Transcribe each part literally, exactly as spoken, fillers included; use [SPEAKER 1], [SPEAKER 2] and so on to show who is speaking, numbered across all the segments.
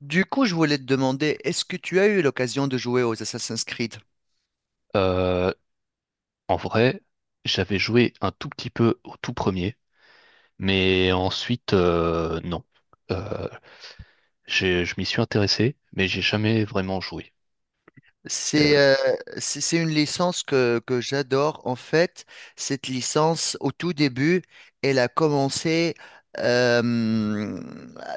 [SPEAKER 1] Du coup, je voulais te demander, est-ce que tu as eu l'occasion de jouer aux Assassin's Creed?
[SPEAKER 2] Euh, En vrai, j'avais joué un tout petit peu au tout premier, mais ensuite, euh, non. Euh, j'ai- je m'y suis intéressé, mais j'ai jamais vraiment joué.
[SPEAKER 1] C'est
[SPEAKER 2] Euh,
[SPEAKER 1] euh, c'est c'est une licence que, que j'adore. En fait, cette licence, au tout début, elle a commencé euh,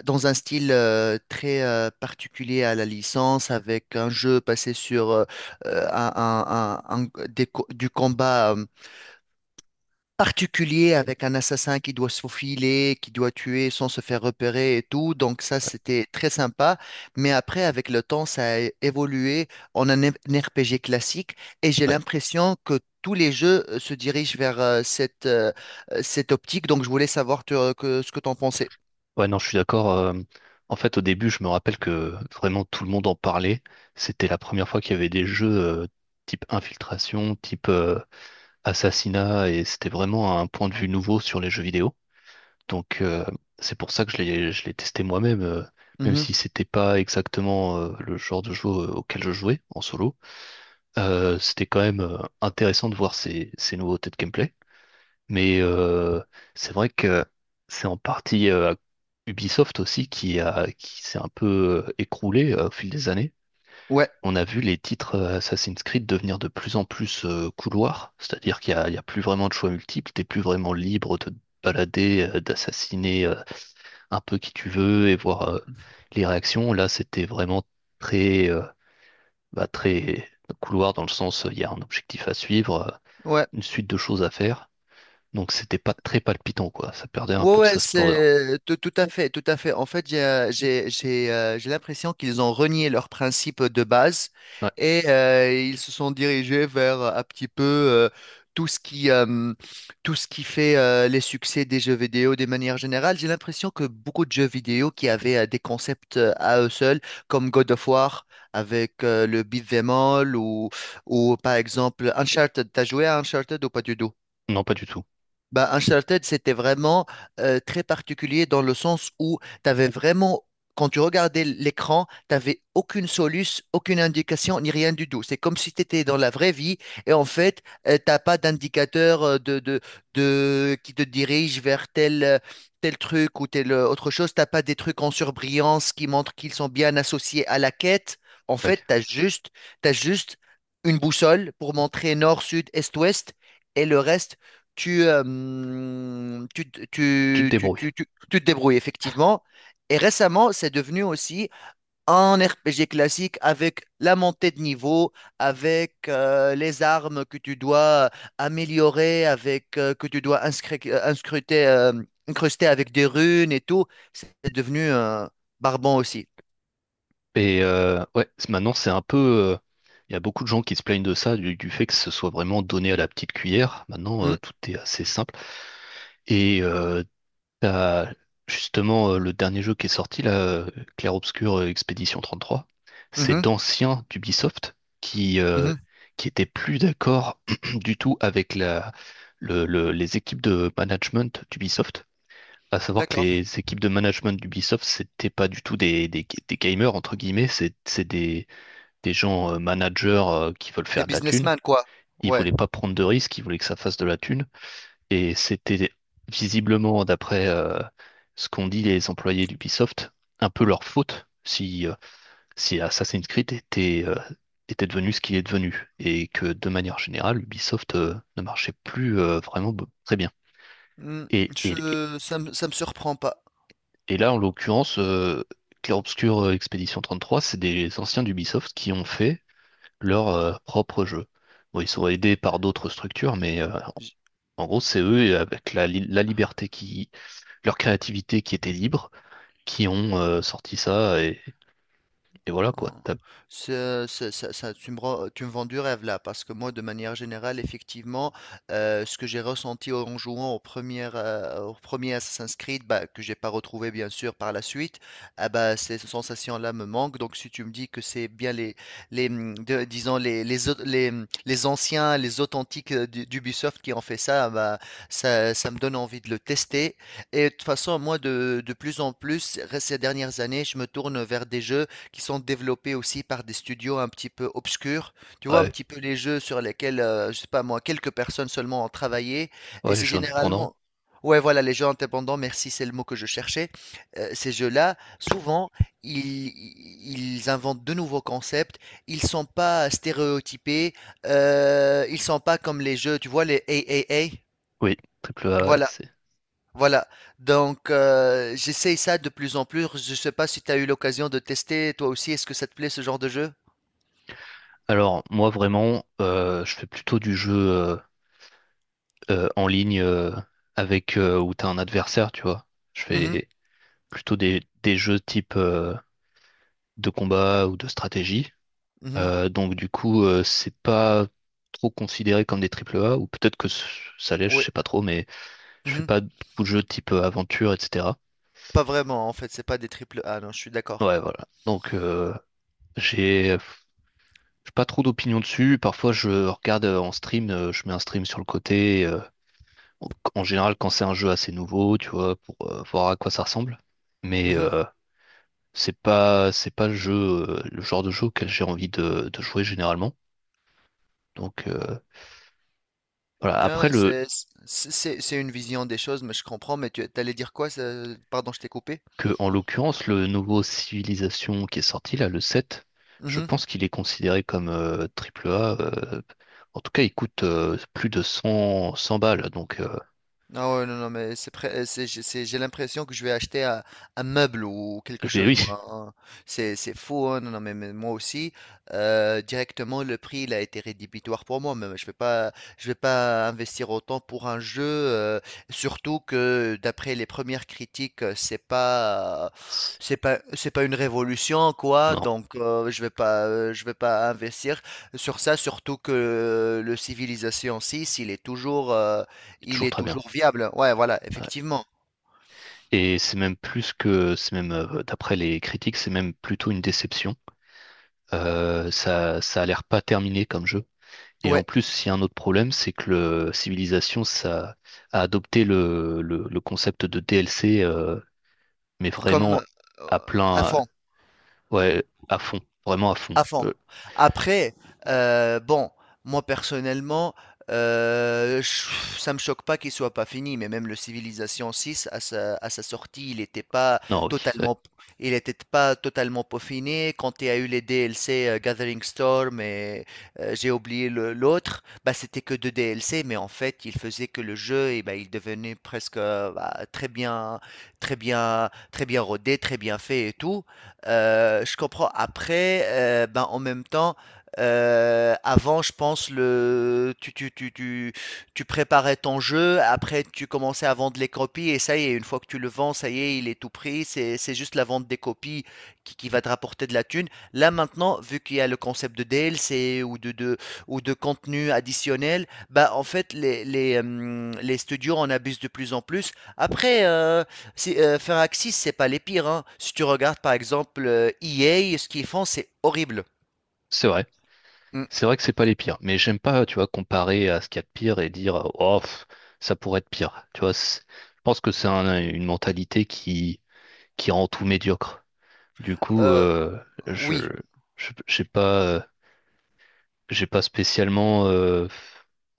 [SPEAKER 1] dans un style euh, très euh, particulier à la licence, avec un jeu passé sur euh, euh, un, un- un- un- des co- du combat, euh, particulier avec un assassin qui doit se faufiler, qui doit tuer sans se faire repérer et tout. Donc ça, c'était très sympa. Mais après, avec le temps, ça a évolué en un un R P G classique et j'ai
[SPEAKER 2] ouais.
[SPEAKER 1] l'impression que tous les jeux euh, se dirigent vers euh, cette, euh, euh, cette optique. Donc je voulais savoir tu- euh, que- ce que tu en pensais.
[SPEAKER 2] Ouais, non, je suis d'accord. Euh, en fait, au début, je me rappelle que vraiment tout le monde en parlait. C'était la première fois qu'il y avait des jeux euh, type infiltration, type euh, assassinat, et c'était vraiment un point de vue nouveau sur les jeux vidéo. Donc euh, c'est pour ça que je l'ai je l'ai testé moi-même, euh, même
[SPEAKER 1] Mhm.
[SPEAKER 2] si c'était pas exactement euh, le genre de jeu euh, auquel je jouais en solo. Euh, c'était quand même euh, intéressant de voir ces, ces nouveautés de gameplay. Mais euh, c'est vrai que c'est en partie euh, Ubisoft aussi qui a qui s'est un peu euh, écroulé euh, au fil des années.
[SPEAKER 1] Ouais,
[SPEAKER 2] On a vu les titres euh, Assassin's Creed devenir de plus en plus euh, couloirs, c'est-à-dire qu'il y a, il y a plus vraiment de choix multiples, t'es plus vraiment libre de te balader, euh, d'assassiner euh, un peu qui tu veux et voir euh, les réactions. Là, c'était vraiment très, euh, bah, très couloir dans le sens, euh, il y a un objectif à suivre, euh,
[SPEAKER 1] ouais.
[SPEAKER 2] une suite de choses à faire. Donc, c'était pas très palpitant, quoi. Ça perdait un
[SPEAKER 1] Ouais,
[SPEAKER 2] peu de
[SPEAKER 1] ouais,
[SPEAKER 2] sa splendeur.
[SPEAKER 1] c'est tout, tout à fait, tout à fait. En fait, j'ai euh, j'ai j'ai, euh, j'ai l'impression qu'ils ont renié leurs principes de base
[SPEAKER 2] Ouais,
[SPEAKER 1] et euh, ils se sont dirigés vers euh, un petit peu euh, tout ce qui euh, tout ce qui fait euh, les succès des jeux vidéo de manière générale. J'ai l'impression que beaucoup de jeux vidéo qui avaient euh, des concepts euh, à eux seuls, comme God of War avec euh, le beat'em all ou ou par exemple Uncharted. T'as joué à Uncharted ou pas du tout?
[SPEAKER 2] non, pas du tout.
[SPEAKER 1] Bah, Uncharted, c'était vraiment euh, très particulier dans le sens où tu avais vraiment, quand tu regardais l'écran, tu n'avais aucune soluce, aucune indication, ni rien du tout. C'est comme si tu étais dans la vraie vie et en fait, tu t'as pas d'indicateur euh, de, de, de, qui te dirige vers tel, euh, tel truc ou telle euh, autre chose. T'as pas des trucs en surbrillance qui montrent qu'ils sont bien associés à la quête. En
[SPEAKER 2] Ouais,
[SPEAKER 1] fait, tu as juste, t'as juste une boussole pour montrer nord, sud, est, ouest et le reste tu, euh, hum, tu, tu,
[SPEAKER 2] tu te
[SPEAKER 1] tu,
[SPEAKER 2] débrouilles.
[SPEAKER 1] tu, tu- tu te débrouilles effectivement. Et récemment, c'est devenu aussi un R P G classique avec la montée de niveau, avec euh, les armes que tu dois améliorer, avec euh, que tu dois inscri- euh, inscruter, euh, incruster avec des runes et tout. C'est devenu euh, barbant aussi.
[SPEAKER 2] Et euh, ouais, c'est- maintenant, c'est un peu. euh, Il y a beaucoup de gens qui se plaignent de ça, du, du fait que ce soit vraiment donné à la petite cuillère. Maintenant, euh,
[SPEAKER 1] Hmm.
[SPEAKER 2] tout est assez simple. Et euh, t'as justement euh, le dernier jeu qui est sorti là, euh, Clair Obscur euh, Expédition trente-trois, c'est
[SPEAKER 1] Mhm,
[SPEAKER 2] d'anciens d'Ubisoft qui euh,
[SPEAKER 1] mhm.
[SPEAKER 2] qui étaient plus d'accord du tout avec la le- le- les équipes de management d'Ubisoft. À savoir que
[SPEAKER 1] D'accord.
[SPEAKER 2] les équipes de management d'Ubisoft, c'était pas du tout des, des, des gamers entre guillemets, c'est c'est des des gens euh, managers euh, qui veulent
[SPEAKER 1] Des
[SPEAKER 2] faire de la thune.
[SPEAKER 1] businessmen, quoi.
[SPEAKER 2] Ils
[SPEAKER 1] Ouais.
[SPEAKER 2] voulaient pas prendre de risques, ils voulaient que ça fasse de la thune. Et c'était visiblement, d'après euh, ce qu'ont dit les employés d'Ubisoft, un peu leur faute si, euh, si Assassin's Creed était, euh, était devenu ce qu'il est devenu. Et que de manière générale, Ubisoft euh, ne marchait plus euh, vraiment be- très bien.
[SPEAKER 1] Hmm,
[SPEAKER 2] Et, et,
[SPEAKER 1] je, ça me, ça me surprend pas.
[SPEAKER 2] et là, en l'occurrence, euh, Clair Obscur euh, Expédition trente-trois, c'est des anciens d'Ubisoft qui ont fait leur euh, propre jeu. Bon, ils sont aidés par d'autres structures, mais euh, en gros, c'est eux, et avec la, li- la liberté qui- leur créativité qui était libre, qui ont euh, sorti ça, et, et voilà
[SPEAKER 1] Oh.
[SPEAKER 2] quoi. T'as-
[SPEAKER 1] Ce- ce- ça- ça- tu me, rends- tu me vends du rêve là, parce que moi, de manière générale, effectivement, euh, ce que j'ai ressenti en jouant au premier, euh, au premier Assassin's Creed, bah, que j'ai pas retrouvé bien sûr par la suite, ah bah, ces sensations-là me manquent. Donc, si tu me dis que c'est bien les, les hum, de- disons les, les, au- les, hum, les anciens, les authentiques euh, d'U- d'Ubisoft qui ont fait ça, ah bah, ça, ça me donne envie de le tester. Et de toute façon, moi, de, de plus en plus, ces dernières années, je me tourne vers des jeux qui sont développés aussi par des studios un petit peu obscurs. Tu vois, un
[SPEAKER 2] Ouais,
[SPEAKER 1] petit peu les jeux sur lesquels, euh, je sais pas moi, quelques personnes seulement ont travaillé. Et
[SPEAKER 2] ouais, les
[SPEAKER 1] c'est
[SPEAKER 2] jeux indépendants.
[SPEAKER 1] généralement. Ouais, voilà, les jeux indépendants, merci, c'est le mot que je cherchais. Euh, ces jeux-là, souvent, ils, ils inventent de nouveaux concepts. Ils sont pas stéréotypés. euh, ils sont pas comme les jeux, tu vois, les triple A.
[SPEAKER 2] Oui, triple A, ouais,
[SPEAKER 1] Voilà.
[SPEAKER 2] c'est.
[SPEAKER 1] Voilà, donc euh, j'essaye ça de plus en plus. Je sais pas si tu as eu l'occasion de tester toi aussi. Est-ce que ça te plaît ce genre de jeu?
[SPEAKER 2] Alors, moi vraiment, euh, je fais plutôt du jeu euh, euh, en ligne euh, avec euh, où t'as un adversaire, tu vois. Je
[SPEAKER 1] Mhm,
[SPEAKER 2] fais plutôt des, des jeux type euh, de combat ou de stratégie.
[SPEAKER 1] mhm,
[SPEAKER 2] Euh, donc du coup, euh, c'est pas trop considéré comme des triple A, ou peut-être que c- ça l'est, je
[SPEAKER 1] oui,
[SPEAKER 2] sais pas trop, mais je fais
[SPEAKER 1] mhm.
[SPEAKER 2] pas beaucoup de jeux type euh, aventure, et cetera.
[SPEAKER 1] Pas vraiment en fait, c'est pas des triple A, non, je suis d'accord.
[SPEAKER 2] Ouais, voilà. Donc, euh, j'ai j'ai pas trop d'opinion dessus. Parfois, je regarde euh, en stream, euh, je mets un stream sur le côté. Euh, en en général, quand c'est un jeu assez nouveau, tu vois, pour euh, voir à quoi ça ressemble. Mais
[SPEAKER 1] Mhm.
[SPEAKER 2] euh, c'est pas, c'est pas le jeu, euh, le genre de jeu auquel j'ai envie de, de jouer généralement. Donc, euh, voilà.
[SPEAKER 1] Non, mais
[SPEAKER 2] Après, le,
[SPEAKER 1] c'est c'est- c'est- c'est une vision des choses, mais je comprends. Mais tu allais dire quoi? ça- Pardon, je t'ai coupé.
[SPEAKER 2] que, en l'occurrence, le nouveau Civilisation qui est sorti, là, le sept, je pense qu'il est considéré comme euh, triple A. Euh, en tout cas, il coûte euh, plus de cent cent balles. Donc, euh,
[SPEAKER 1] Non ouais, non, non, mais c'est prêt, euh, c'est, j'ai c'est- j'ai l'impression que je vais acheter un, un meuble ou quelque
[SPEAKER 2] mais
[SPEAKER 1] chose,
[SPEAKER 2] oui,
[SPEAKER 1] moi, hein. C'est, c'est fou, hein. Non, non, mais, mais moi aussi, euh, directement, le prix, il a été rédhibitoire pour moi. Même, je vais pas, je vais pas investir autant pour un jeu, euh, surtout que d'après les premières critiques, euh, c'est pas, euh,
[SPEAKER 2] c'est-
[SPEAKER 1] c'est pas, c'est pas une révolution, quoi.
[SPEAKER 2] non,
[SPEAKER 1] Donc, euh, je vais pas, euh, je vais pas investir sur ça, surtout que le Civilization six il est toujours, euh,
[SPEAKER 2] il est
[SPEAKER 1] il
[SPEAKER 2] toujours
[SPEAKER 1] est
[SPEAKER 2] très bien.
[SPEAKER 1] toujours viable. Ouais, voilà,
[SPEAKER 2] Ouais.
[SPEAKER 1] effectivement.
[SPEAKER 2] Et c'est même plus que, c'est même, euh, d'après les critiques, c'est même plutôt une déception. Euh, ça, ça a l'air pas terminé comme jeu. Et en
[SPEAKER 1] Ouais,
[SPEAKER 2] plus, il y a un autre problème, c'est que le Civilization, ça a adopté le, le, le concept de D L C, euh, mais
[SPEAKER 1] comme
[SPEAKER 2] vraiment
[SPEAKER 1] euh,
[SPEAKER 2] à plein,
[SPEAKER 1] avant.
[SPEAKER 2] ouais, à fond, vraiment à fond. Euh,
[SPEAKER 1] Avant. Après, euh, bon, moi personnellement, euh, je- ça me choque pas qu'il soit pas fini, mais même le Civilization six, à sa, à sa sortie, il n'était pas
[SPEAKER 2] non, oui, c'est
[SPEAKER 1] totalement, il était pas totalement peaufiné. Quand il y a eu les D L C euh, Gathering Storm et euh, j'ai oublié le- l'autre, bah, c'était que deux D L C, mais en fait, il faisait que le jeu, et bah, il devenait presque euh, bah, très bien, très bien, très bien rodé, très bien fait et tout. Euh, je comprends. Après, euh, ben, en même temps, euh, avant, je pense, le, tu, tu, tu, tu, tu préparais ton jeu, après, tu commençais à vendre les copies, et ça y est, une fois que tu le vends, ça y est, il est tout pris, c'est, c'est juste la vente des copies qui, qui va te rapporter de la thune. Là, maintenant, vu qu'il y a le concept de D L C ou de, de, ou de contenu additionnel, bah, en fait, les, les, hum, les studios en abusent de plus en plus. Après, euh, si, euh, faire Axis, c'est pas les pires, hein. Si tu regardes par exemple euh, E A, ce qu'ils font, c'est horrible.
[SPEAKER 2] c'est vrai.
[SPEAKER 1] Mm.
[SPEAKER 2] C'est vrai que c'est pas les pires, mais j'aime pas, tu vois, comparer à ce qu'il y a de pire et dire, oh, pff, ça pourrait être pire. Tu vois, c'est- je pense que c'est un- une mentalité qui, qui rend tout médiocre. Du coup,
[SPEAKER 1] Euh,
[SPEAKER 2] euh, je,
[SPEAKER 1] oui,
[SPEAKER 2] je, j'ai pas, euh, j'ai pas spécialement, euh,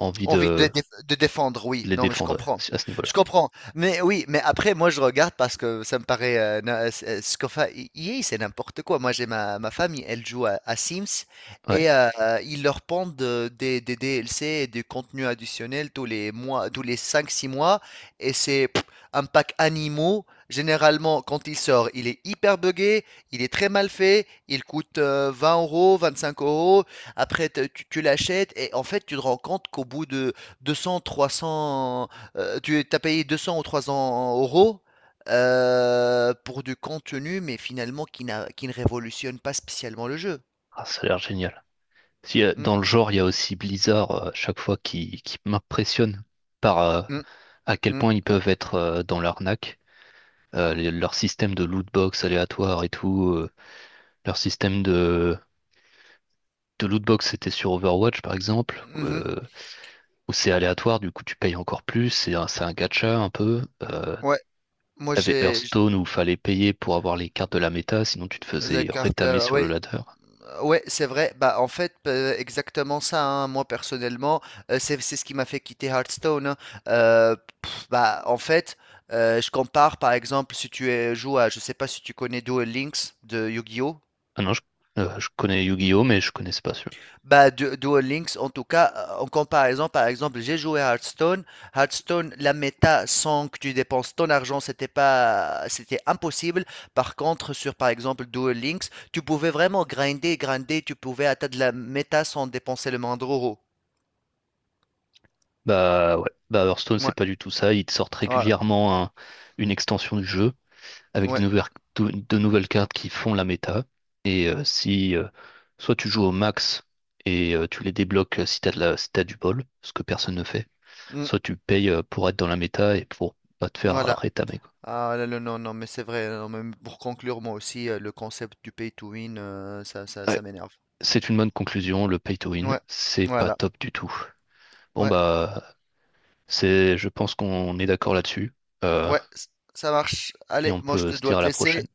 [SPEAKER 2] envie
[SPEAKER 1] envie de,
[SPEAKER 2] de
[SPEAKER 1] dé- de défendre, oui.
[SPEAKER 2] de les
[SPEAKER 1] Non, mais je
[SPEAKER 2] défendre
[SPEAKER 1] comprends.
[SPEAKER 2] à ce
[SPEAKER 1] Je
[SPEAKER 2] niveau-là.
[SPEAKER 1] comprends. Mais oui, mais après, moi, je regarde parce que ça me paraît. Euh, na- euh, ce qu'on fait- E- EA, c'est n'importe quoi. Moi, j'ai ma, ma famille, elle joue à, à Sims
[SPEAKER 2] Ouais,
[SPEAKER 1] et euh, euh, ils leur pondent de- des, des D L C et du contenu additionnel tous les mois, tous les cinq, six mois. Et c'est pff, un pack animaux. Généralement, quand il sort, il est hyper buggé, il est très mal fait, il coûte euh, vingt euros, vingt-cinq euros. Après, te- tu, tu l'achètes et en fait, tu te rends compte qu'au bout de deux cents, trois cents, euh, tu as payé deux cents ou trois cents euros euh, pour du contenu, mais finalement qui n'a, qui ne révolutionne pas spécialement le jeu.
[SPEAKER 2] ah, ça a l'air génial. Si, euh,
[SPEAKER 1] Mm,
[SPEAKER 2] dans le genre, il y a aussi Blizzard, euh, chaque fois qui, qui m'impressionne par euh,
[SPEAKER 1] mm,
[SPEAKER 2] à quel
[SPEAKER 1] mm,
[SPEAKER 2] point ils peuvent être euh, dans l'arnaque. Euh, les- leur système de lootbox aléatoire et tout, euh, leur système de, de lootbox, c'était sur Overwatch par exemple,
[SPEAKER 1] mhm.
[SPEAKER 2] euh, où c'est aléatoire, du coup tu payes encore plus, c'est un, c'est un gacha un peu. euh,
[SPEAKER 1] Ouais, moi
[SPEAKER 2] T'avais
[SPEAKER 1] j'ai j-
[SPEAKER 2] Hearthstone où fallait payer pour avoir les cartes de la méta, sinon tu te
[SPEAKER 1] la
[SPEAKER 2] faisais
[SPEAKER 1] carte
[SPEAKER 2] rétamer
[SPEAKER 1] là,
[SPEAKER 2] sur le
[SPEAKER 1] ouais.
[SPEAKER 2] ladder.
[SPEAKER 1] Euh, ouais, c'est vrai. Bah, en fait, euh, exactement ça, hein. Moi, personnellement, euh, c'est c'est ce qui m'a fait quitter Hearthstone, hein. Euh, pff, bah, en fait, euh, je compare, par exemple, si tu es- joues à, je sais pas si tu connais Duel Links de Yu-Gi-Oh!
[SPEAKER 2] Ah non, je, euh, je connais Yu-Gi-Oh, mais je connaissais pas celui-là.
[SPEAKER 1] Bah, Du- Duel Links, en tout cas, euh, en comparaison, par exemple, j'ai joué à Hearthstone. Hearthstone, la méta, sans que tu dépenses ton argent, c'était pas, c'était impossible. Par contre, sur, par exemple, Duel Links, tu pouvais vraiment grinder, grinder, tu pouvais atteindre la méta sans dépenser le moindre euro.
[SPEAKER 2] Bah ouais, bah Hearthstone c'est
[SPEAKER 1] Ouais,
[SPEAKER 2] pas du tout ça, ils te sortent
[SPEAKER 1] ouais,
[SPEAKER 2] régulièrement un- une extension du jeu avec de
[SPEAKER 1] ouais,
[SPEAKER 2] nouvelles, de, de nouvelles cartes qui font la méta. Et euh, si euh, soit tu joues au max et euh, tu les débloques euh, si t'as de la, si t'as du bol, ce que personne ne fait,
[SPEAKER 1] mm,
[SPEAKER 2] soit tu payes euh, pour être dans la méta et pour pas te faire euh,
[SPEAKER 1] voilà.
[SPEAKER 2] rétamer quoi.
[SPEAKER 1] Ah là, là, non, non, mais c'est vrai. Non, mais pour conclure, moi aussi, euh, le concept du pay to win, euh, ça, ça, ça m'énerve.
[SPEAKER 2] C'est une bonne conclusion, le pay to win,
[SPEAKER 1] Ouais,
[SPEAKER 2] c'est pas
[SPEAKER 1] voilà,
[SPEAKER 2] top du tout. Bon
[SPEAKER 1] ouais,
[SPEAKER 2] bah c'est je pense qu'on est d'accord là-dessus, euh,
[SPEAKER 1] ouais, c- ça marche.
[SPEAKER 2] et
[SPEAKER 1] Allez,
[SPEAKER 2] on
[SPEAKER 1] moi je
[SPEAKER 2] peut
[SPEAKER 1] te
[SPEAKER 2] se
[SPEAKER 1] dois
[SPEAKER 2] dire à
[SPEAKER 1] te
[SPEAKER 2] la
[SPEAKER 1] laisser.
[SPEAKER 2] prochaine.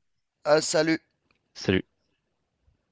[SPEAKER 1] Ah, salut!
[SPEAKER 2] Salut.